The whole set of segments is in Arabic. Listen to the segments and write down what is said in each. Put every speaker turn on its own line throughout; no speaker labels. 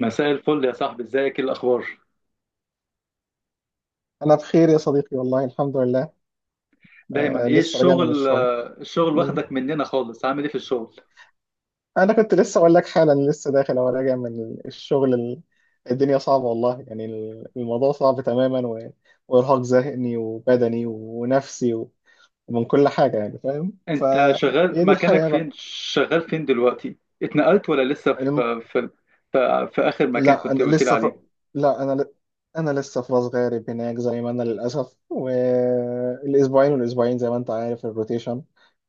مساء الفل يا صاحبي، ازيك؟ ايه الاخبار؟
أنا بخير يا صديقي، والله الحمد لله.
دايما،
آه،
ايه
لسه راجع من
الشغل؟
الشغل.
الشغل
مم.
واخدك مننا خالص. عامل ايه في الشغل؟
أنا كنت لسه أقول لك حالا، لسه داخل أو راجع من الشغل. الدنيا صعبة والله، يعني الموضوع صعب تماما وإرهاق ذهني وبدني ونفسي ومن كل حاجة، يعني فاهم.
انت شغال
فهي دي
مكانك
الحياة
فين؟
بقى.
شغال فين دلوقتي؟ اتنقلت ولا لسه
الم...
في اخر مكان
لا
كنت
أنا
قلت لي
لسه في...
عليه؟
لا أنا ل... أنا لسه في راس غارب هناك، زي ما أنا للأسف. والأسبوعين، زي ما أنت عارف، الروتيشن.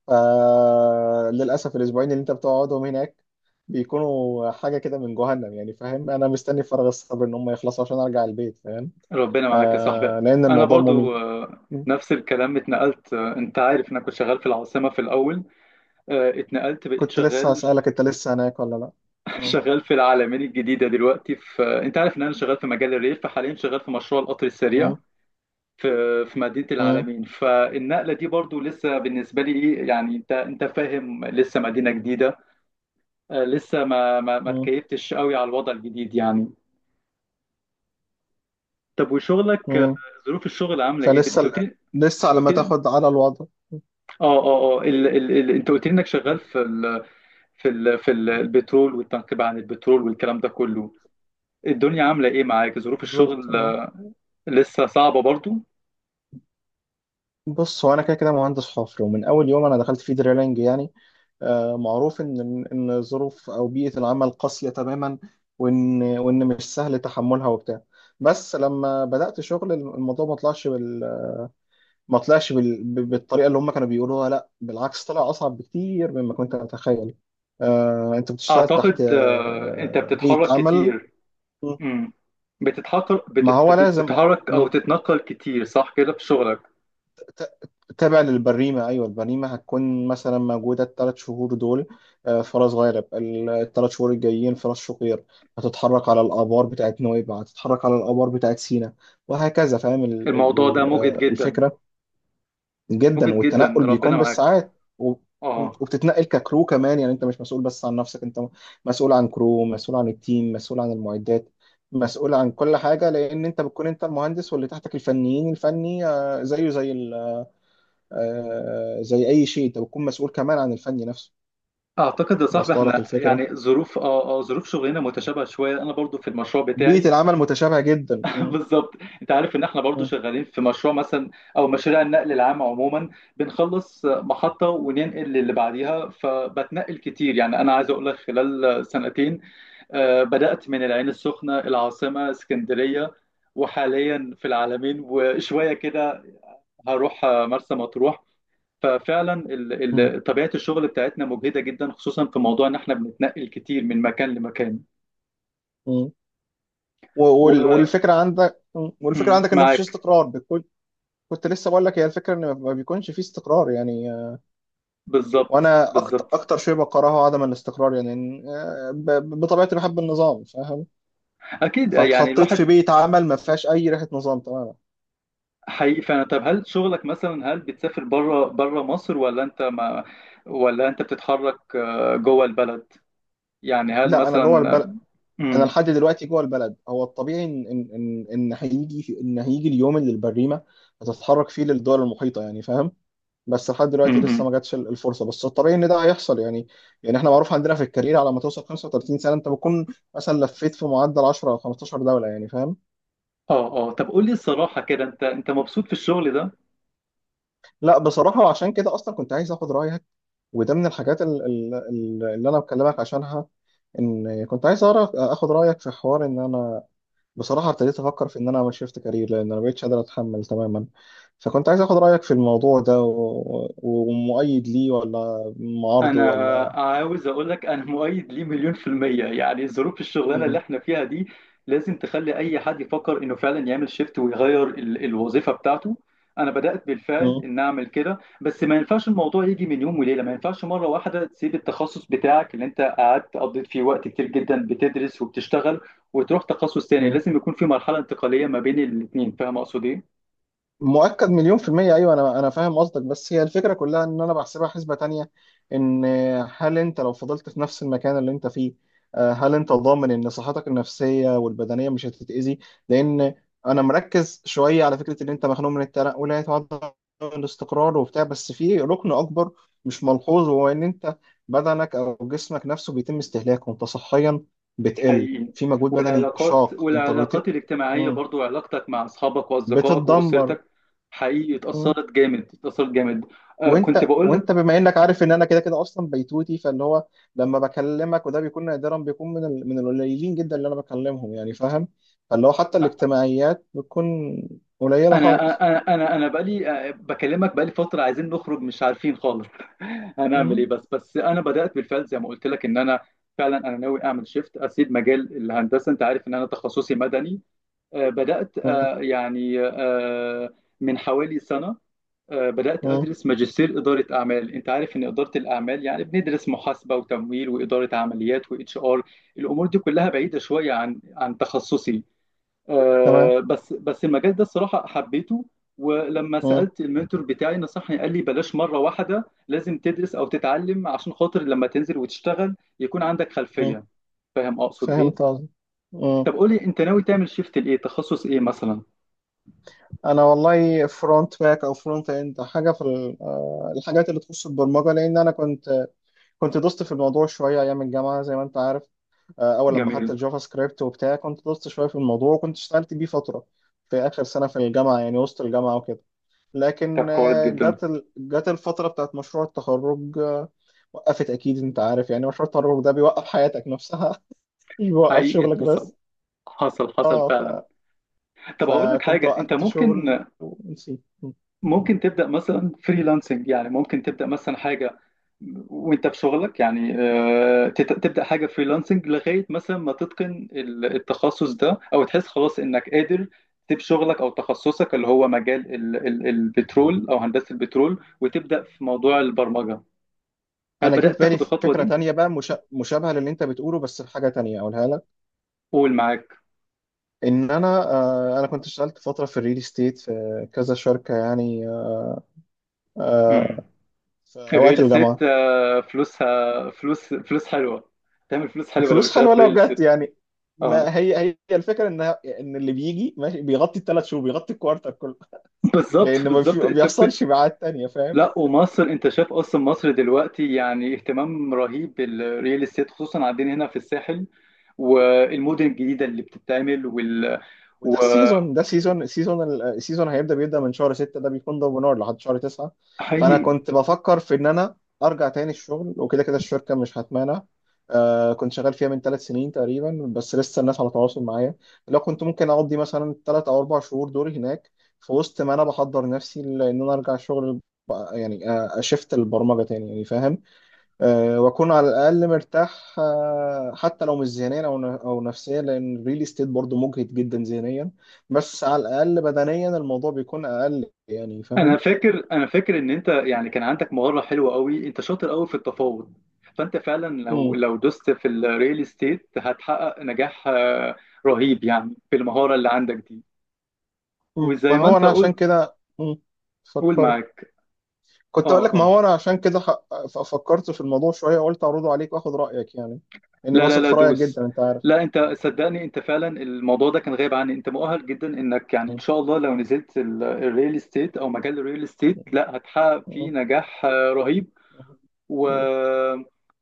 فللأسف الأسبوعين اللي أنت بتقعدهم هناك بيكونوا حاجة كده من جهنم، يعني فاهم. أنا مستني فارغ الصبر إن هم يخلصوا عشان أرجع البيت، فاهم.
ربنا معاك يا صاحبي.
آه، لأن
انا
الموضوع مميت.
برضو
م.
نفس الكلام، اتنقلت. انت عارف انا كنت شغال في العاصمة في الاول. اتنقلت بقيت
كنت لسه
شغال.
هسألك، أنت لسه هناك ولا لأ؟ م.
شغال في العلمين الجديدة دلوقتي. في آه، انت عارف ان انا شغال في مجال الريف، فحاليا شغال في مشروع القطر السريع
م.
في في مدينة
م.
العالمين. فالنقلة دي برضو لسه بالنسبة لي ايه يعني، انت فاهم، لسه مدينة جديدة. لسه ما
م.
اتكيفتش قوي على الوضع الجديد يعني. طب وشغلك،
م.
ظروف الشغل عاملة ايه؟
فلسه
انت
ال-
قلت لي...
لسه
أنت
على
قلت
ما
لي-
تاخد على الوضع.
اه اه اه ال... ال... ال... انت قلت لي انك شغال في البترول والتنقيب عن البترول والكلام ده كله. الدنيا عاملة ايه معاك؟ ظروف
بالظبط،
الشغل
اه.
لسه صعبة برضو؟
بص، هو انا كده كده مهندس حفر، ومن اول يوم انا دخلت فيه دريلنج يعني. آه، معروف ان ظروف او بيئه العمل قاسيه تماما، وان مش سهل تحملها وبتاع. بس لما بدات شغل، الموضوع ما طلعش بالطريقه اللي هم كانوا بيقولوها. لا، بالعكس، طلع اصعب بكتير مما كنت اتخيل. انت بتشتغل تحت
اعتقد انت
بيئه
بتتحرك
عمل.
كتير. امم بتتحرك
ما هو لازم،
او تتنقل كتير، صح كده في شغلك؟
تابع للبريمة. أيوة، البريمة هتكون مثلا موجودة الثلاث شهور دول آه، فرس غارب، الثلاث شهور الجايين فرس شقير. هتتحرك على الآبار بتاعت نويبع، هتتحرك على الآبار بتاعت سينا، وهكذا، فاهم
الموضوع ده مجهد جدا.
الفكرة. جدا،
مجهد جدا،
والتنقل
ربنا
بيكون
معاك.
بالساعات. و-
اه.
وبتتنقل ككرو كمان، يعني أنت مش مسؤول بس عن نفسك. أنت مسؤول عن كرو، مسؤول عن التيم، مسؤول عن المعدات، مسؤول عن كل حاجة، لأن أنت بتكون أنت المهندس، واللي تحتك الفنيين. الفني آه، زيه زي آه، زي اي شيء. انت بتكون مسؤول كمان عن الفن نفسه.
اعتقد يا صاحبي
واصله
احنا
لك الفكره.
يعني ظروف اه اه ظروف شغلنا متشابهه شويه، انا برضو في المشروع
بيئه
بتاعي.
العمل متشابهه جدا.
بالظبط. انت عارف ان احنا برضو
م-
شغالين في مشروع مثلا، او مشاريع النقل العام عموما. بنخلص محطه وننقل للي بعديها، فبتنقل كتير يعني. انا عايز اقول لك خلال سنتين بدأت من العين السخنة، العاصمة، اسكندرية، وحاليا في العالمين وشوية كده. هروح مرسى مطروح. ففعلا
م-
طبيعة الشغل بتاعتنا مجهدة جدا، خصوصا في موضوع ان احنا بنتنقل كتير من مكان لمكان.
م. والفكره عندك. م. والفكره عندك ان مفيش
ومعاك.
استقرار بكل. كنت لسه بقول لك، هي الفكره ان ما بيكونش في استقرار، يعني آه.
بالظبط،
وانا اكتر
بالظبط.
اكتر شيء بكرهه عدم الاستقرار، يعني آه، بطبيعتي بحب النظام، فاهم.
اكيد، يعني
فاتحطيت في
الواحد...
بيئه عمل ما فيهاش اي ريحه نظام تماما.
حقيقي فعلا. طب هل شغلك مثلا، هل بتسافر بره مصر، ولا انت ما... ولا انت بتتحرك جوه البلد؟ يعني هل
لا، انا جوه
مثلا...
البلد. انا
مم.
لحد دلوقتي جوه البلد. هو الطبيعي ان ان ان إن هيجي في ان هيجي اليوم اللي البريمه هتتحرك فيه للدول المحيطه، يعني فاهم. بس لحد دلوقتي لسه
مم.
ما جاتش الفرصه، بس الطبيعي ان ده هيحصل، يعني. يعني احنا معروف عندنا في الكارير، على ما توصل 35 سنه انت بتكون مثلا لفيت في معدل 10 او 15 دوله، يعني فاهم.
اه طب قول لي الصراحة كده، انت مبسوط في الشغل ده؟
لا، بصراحه عشان كده اصلا كنت عايز اخد رايك، وده من الحاجات اللي انا بكلمك عشانها، ان كنت عايز اعرف اخد رايك في حوار ان انا بصراحة ابتديت أفكر في إن أنا أعمل شيفت كارير، لأن أنا مبقتش قادر أتحمل تماما. فكنت عايز آخد رأيك في الموضوع ده ومؤيد ليه ولا معارضه
انا
ولا.
عاوز اقول لك انا مؤيد ليه 1,000,000%، يعني ظروف الشغلانة اللي
مم.
احنا فيها دي لازم تخلي اي حد يفكر انه فعلا يعمل شيفت ويغير الوظيفة بتاعته. انا بدأت بالفعل ان اعمل كده، بس ما ينفعش الموضوع يجي من يوم وليلة. ما ينفعش مرة واحدة تسيب التخصص بتاعك اللي انت قعدت قضيت فيه وقت كتير جدا بتدرس وبتشتغل، وتروح تخصص تاني.
مم.
لازم يكون في مرحلة انتقالية ما بين الاتنين. فاهم اقصد ايه؟
مؤكد مليون في المية، أيوة. أنا فاهم قصدك، بس هي الفكرة كلها إن أنا بحسبها حسبة تانية. إن هل أنت لو فضلت في نفس المكان اللي أنت فيه آه، هل أنت ضامن إن صحتك النفسية والبدنية مش هتتأذي؟ لأن أنا مركز شوية على فكرة إن أنت مخنوق من التنقلات وعدم الاستقرار وبتاع، بس في ركن أكبر مش ملحوظ، وهو إن أنت بدنك أو جسمك نفسه بيتم استهلاكه. أنت صحيا بتقل،
حقيقي.
في مجهود بدني شاق. أنت
والعلاقات
روتين
الاجتماعية برضو، علاقتك مع أصحابك وأصدقائك
بتتدمر.
وأسرتك. حقيقي، اتأثرت جامد، اتأثرت جامد. كنت
وانت
بقول لك.
وانت بما انك عارف ان انا كده كده اصلا بيتوتي، فاللي هو لما بكلمك وده بيكون نادرا، بيكون من من القليلين جدا اللي انا بكلمهم، يعني فاهم. فاللي هو حتى الاجتماعيات بتكون قليله
أنا
خالص.
أنا بقالي بكلمك بقالي فترة، عايزين نخرج مش عارفين خالص. هنعمل إيه؟
مم.
بس أنا بدأت بالفعل زي ما قلت لك إن أنا فعلا. أنا ناوي أعمل شيفت، أسيب مجال الهندسة. أنت عارف إن أنا تخصصي مدني. آه بدأت
مم.
آه يعني آه من حوالي سنة بدأت
مم.
أدرس ماجستير إدارة أعمال. أنت عارف إن إدارة الأعمال يعني بندرس محاسبة وتمويل وإدارة عمليات وإتش آر، الأمور دي كلها بعيدة شوية عن تخصصي.
تمام.
بس المجال ده الصراحة حبيته. ولما
مم.
سألت المنتور بتاعي نصحني، قال لي بلاش مرة واحدة، لازم تدرس أو تتعلم عشان خاطر لما تنزل وتشتغل يكون عندك
مم.
خلفية. فاهم أقصد
فهمت
إيه؟
قصدي.
طب قولي، أنت ناوي تعمل شيفت لإيه؟ تخصص إيه مثلا؟
انا والله، فرونت باك او فرونت اند، حاجه في الحاجات اللي تخص البرمجه، لان انا كنت دوست في الموضوع شويه ايام الجامعه، زي ما انت عارف. آه، اول لما خدت
جميل.
الجافا سكريبت وبتاع، كنت دوست شويه في الموضوع، وكنت اشتغلت بيه فتره في اخر سنه في الجامعه، يعني وسط الجامعه وكده.
طب
لكن
كويس
آه،
جدا.
جت الفتره بتاعت مشروع التخرج آه، وقفت. اكيد انت عارف يعني، مشروع التخرج ده بيوقف حياتك نفسها مش بيوقف
حقيقي،
شغلك
حصل،
بس.
حصل حصل
اه
فعلا. طب هقول لك
فكنت
حاجة، انت
وقفت شغل
ممكن...
ونسيت.
تبدأ مثلا فريلانسنج، يعني ممكن تبدأ مثلا حاجة وانت في شغلك. يعني تبدأ حاجة فريلانسنج لغاية مثلا ما تتقن التخصص ده، او تحس خلاص انك قادر تسيب شغلك او تخصصك اللي هو مجال البترول او هندسة البترول، وتبدأ في موضوع البرمجة. هل
انا جه في
بدأت
بالي
تاخد الخطوة
فكره
دي؟
تانية بقى، مشابهه للي انت بتقوله، بس في حاجه تانية اقولها لك.
قول معاك.
ان انا آه، انا كنت اشتغلت فتره في الريل استيت في كذا شركه، يعني آه،
امم
في وقت
الريل
الجامعه.
استيت فلوسها فلوس، فلوس حلوة. تعمل فلوس حلوة لو
الفلوس
اشتغلت
حلوه
في
لو
الريل
جت،
استيت.
يعني. ما هي الفكره، ان ان اللي بيجي ماشي بيغطي الثلاث شهور، بيغطي الكوارتر كله،
بالظبط،
لان
بالظبط،
ما
انت ممكن...
بيحصلش ميعاد تانية، فاهم.
لا، ومصر انت شايف اصلا، مصر دلوقتي يعني اهتمام رهيب بالريال استيت، خصوصا عندنا هنا في الساحل والمدن الجديده اللي بتتعمل
وده السيزون، ده السيزون السيزون السيزون بيبدا من شهر 6، ده بيكون ضرب نار لحد شهر 9. فانا
وحقيقي.
كنت بفكر في ان انا ارجع تاني الشغل، وكده كده الشركه مش هتمانع. آه، كنت شغال فيها من ثلاث سنين تقريبا، بس لسه الناس على تواصل معايا. لو كنت ممكن اقضي مثلا ثلاث او اربع شهور دوري هناك، في وسط ما انا بحضر نفسي لان انا ارجع الشغل يعني آه، اشفت البرمجه تاني، يعني فاهم. آه، واكون على الاقل مرتاح آه، حتى لو مش ذهنيا او نفسيا، لان الريل استيت برضه مجهد جدا ذهنيا، بس على الاقل بدنيا الموضوع بيكون اقل، يعني فاهم.
انا فاكر ان انت يعني كان عندك مهاره حلوه قوي، انت شاطر قوي في التفاوض. فانت فعلا
مم.
لو دوست في الريل استيت هتحقق نجاح رهيب، يعني بالمهاره اللي عندك دي.
مم. ما
وزي ما
هو
انت
انا عشان
قلت...
كده مم.
قول
فكرت.
معاك.
كنت اقول
اه.
لك، ما
آه.
هو انا عشان كده فكرت في الموضوع شويه، وقلت اعرضه عليك واخد رايك، يعني اني
لا، لا،
بثق
لا،
في رايك
دوس.
جدا، انت عارف.
لا، انت صدقني، انت فعلا الموضوع ده كان غايب عني. انت مؤهل جدا انك يعني، ان
مم.
شاء الله، لو نزلت الريل استيت او مجال الريل استيت، لا، هتحقق فيه
مم.
نجاح رهيب.
مم.
و
مم.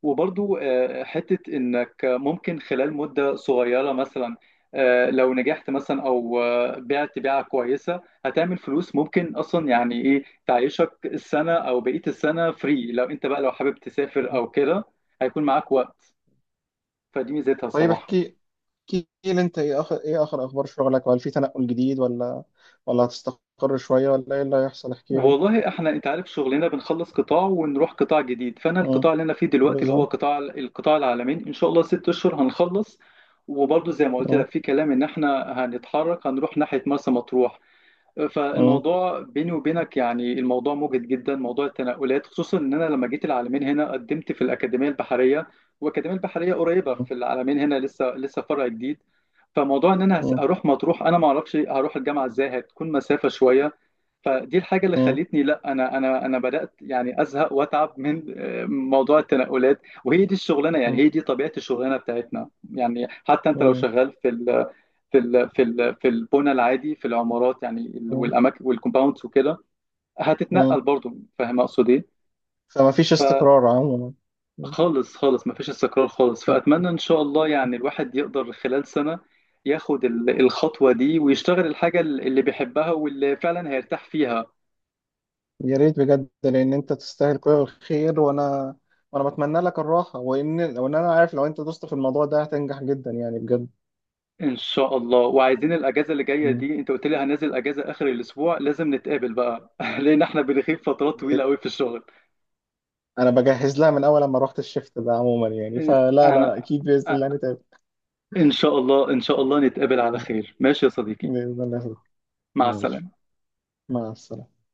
وبرضو حتة انك ممكن خلال مدة صغيرة مثلا، لو نجحت مثلا او بعت بيعة كويسة، هتعمل فلوس ممكن اصلا يعني ايه تعيشك السنة او بقية السنة فري. لو انت بقى، لو حابب تسافر او كده، هيكون معاك وقت. فدي ميزتها
طيب،
الصراحة.
احكي، احكي لي انت، ايه اخر اخبار شغلك، وهل في تنقل جديد، ولا ولا هتستقر شويه، ولا ايه اللي هيحصل، احكي لي.
والله احنا، انت عارف شغلنا بنخلص قطاع ونروح قطاع جديد. فانا
مم.
القطاع اللي انا فيه دلوقتي اللي هو
بالظبط.
القطاع العالمين، ان شاء الله 6 اشهر هنخلص. وبرضه زي ما قلت
مم.
لك في كلام ان احنا هنتحرك، هنروح ناحية مرسى مطروح.
مم.
فالموضوع بيني وبينك يعني، الموضوع مجهد جدا، موضوع التنقلات. خصوصا ان انا لما جيت العالمين هنا قدمت في الاكاديميه البحريه، والاكاديميه البحريه قريبه
مم.
في العالمين هنا، لسه لسه فرع جديد. فموضوع ان انا
مم.
اروح مطروح، انا ما اعرفش هروح الجامعه ازاي، هتكون مسافه شويه. فدي الحاجه اللي
مم.
خلتني. لا، انا بدات يعني ازهق واتعب من موضوع التنقلات. وهي دي الشغلانه يعني،
مم.
هي دي طبيعه الشغلانه بتاعتنا يعني. حتى انت لو شغال في البنى العادي، في العمارات يعني،
مم.
والاماكن والكومباوندز وكده،
مم.
هتتنقل برضو. فاهم اقصد ايه؟
فما فيش استقرار عموما. مم.
خالص، خالص، مفيش استقرار خالص.
مم.
فاتمنى ان شاء الله يعني الواحد يقدر خلال سنة ياخد الخطوة دي، ويشتغل الحاجة اللي بيحبها واللي فعلا هيرتاح فيها.
يا ريت بجد، لان انت تستاهل كل الخير. وانا بتمنى لك الراحه، وان انا عارف لو انت دوست في الموضوع ده هتنجح جدا، يعني بجد.
ان شاء الله. وعايزين الاجازة اللي جاية
مم.
دي، انت قلت لي هنزل اجازة اخر الاسبوع، لازم نتقابل بقى. لان احنا بنغيب فترات
ب...
طويلة قوي في الشغل.
انا بجهز لها من اول لما رحت الشفت ده عموما، يعني فلا
انا
لا اكيد باذن الله نتقابل.
ان شاء الله، ان شاء الله نتقابل على خير. ماشي يا صديقي.
بإذن الله.
مع
ماشي.
السلامة.
مع السلامة.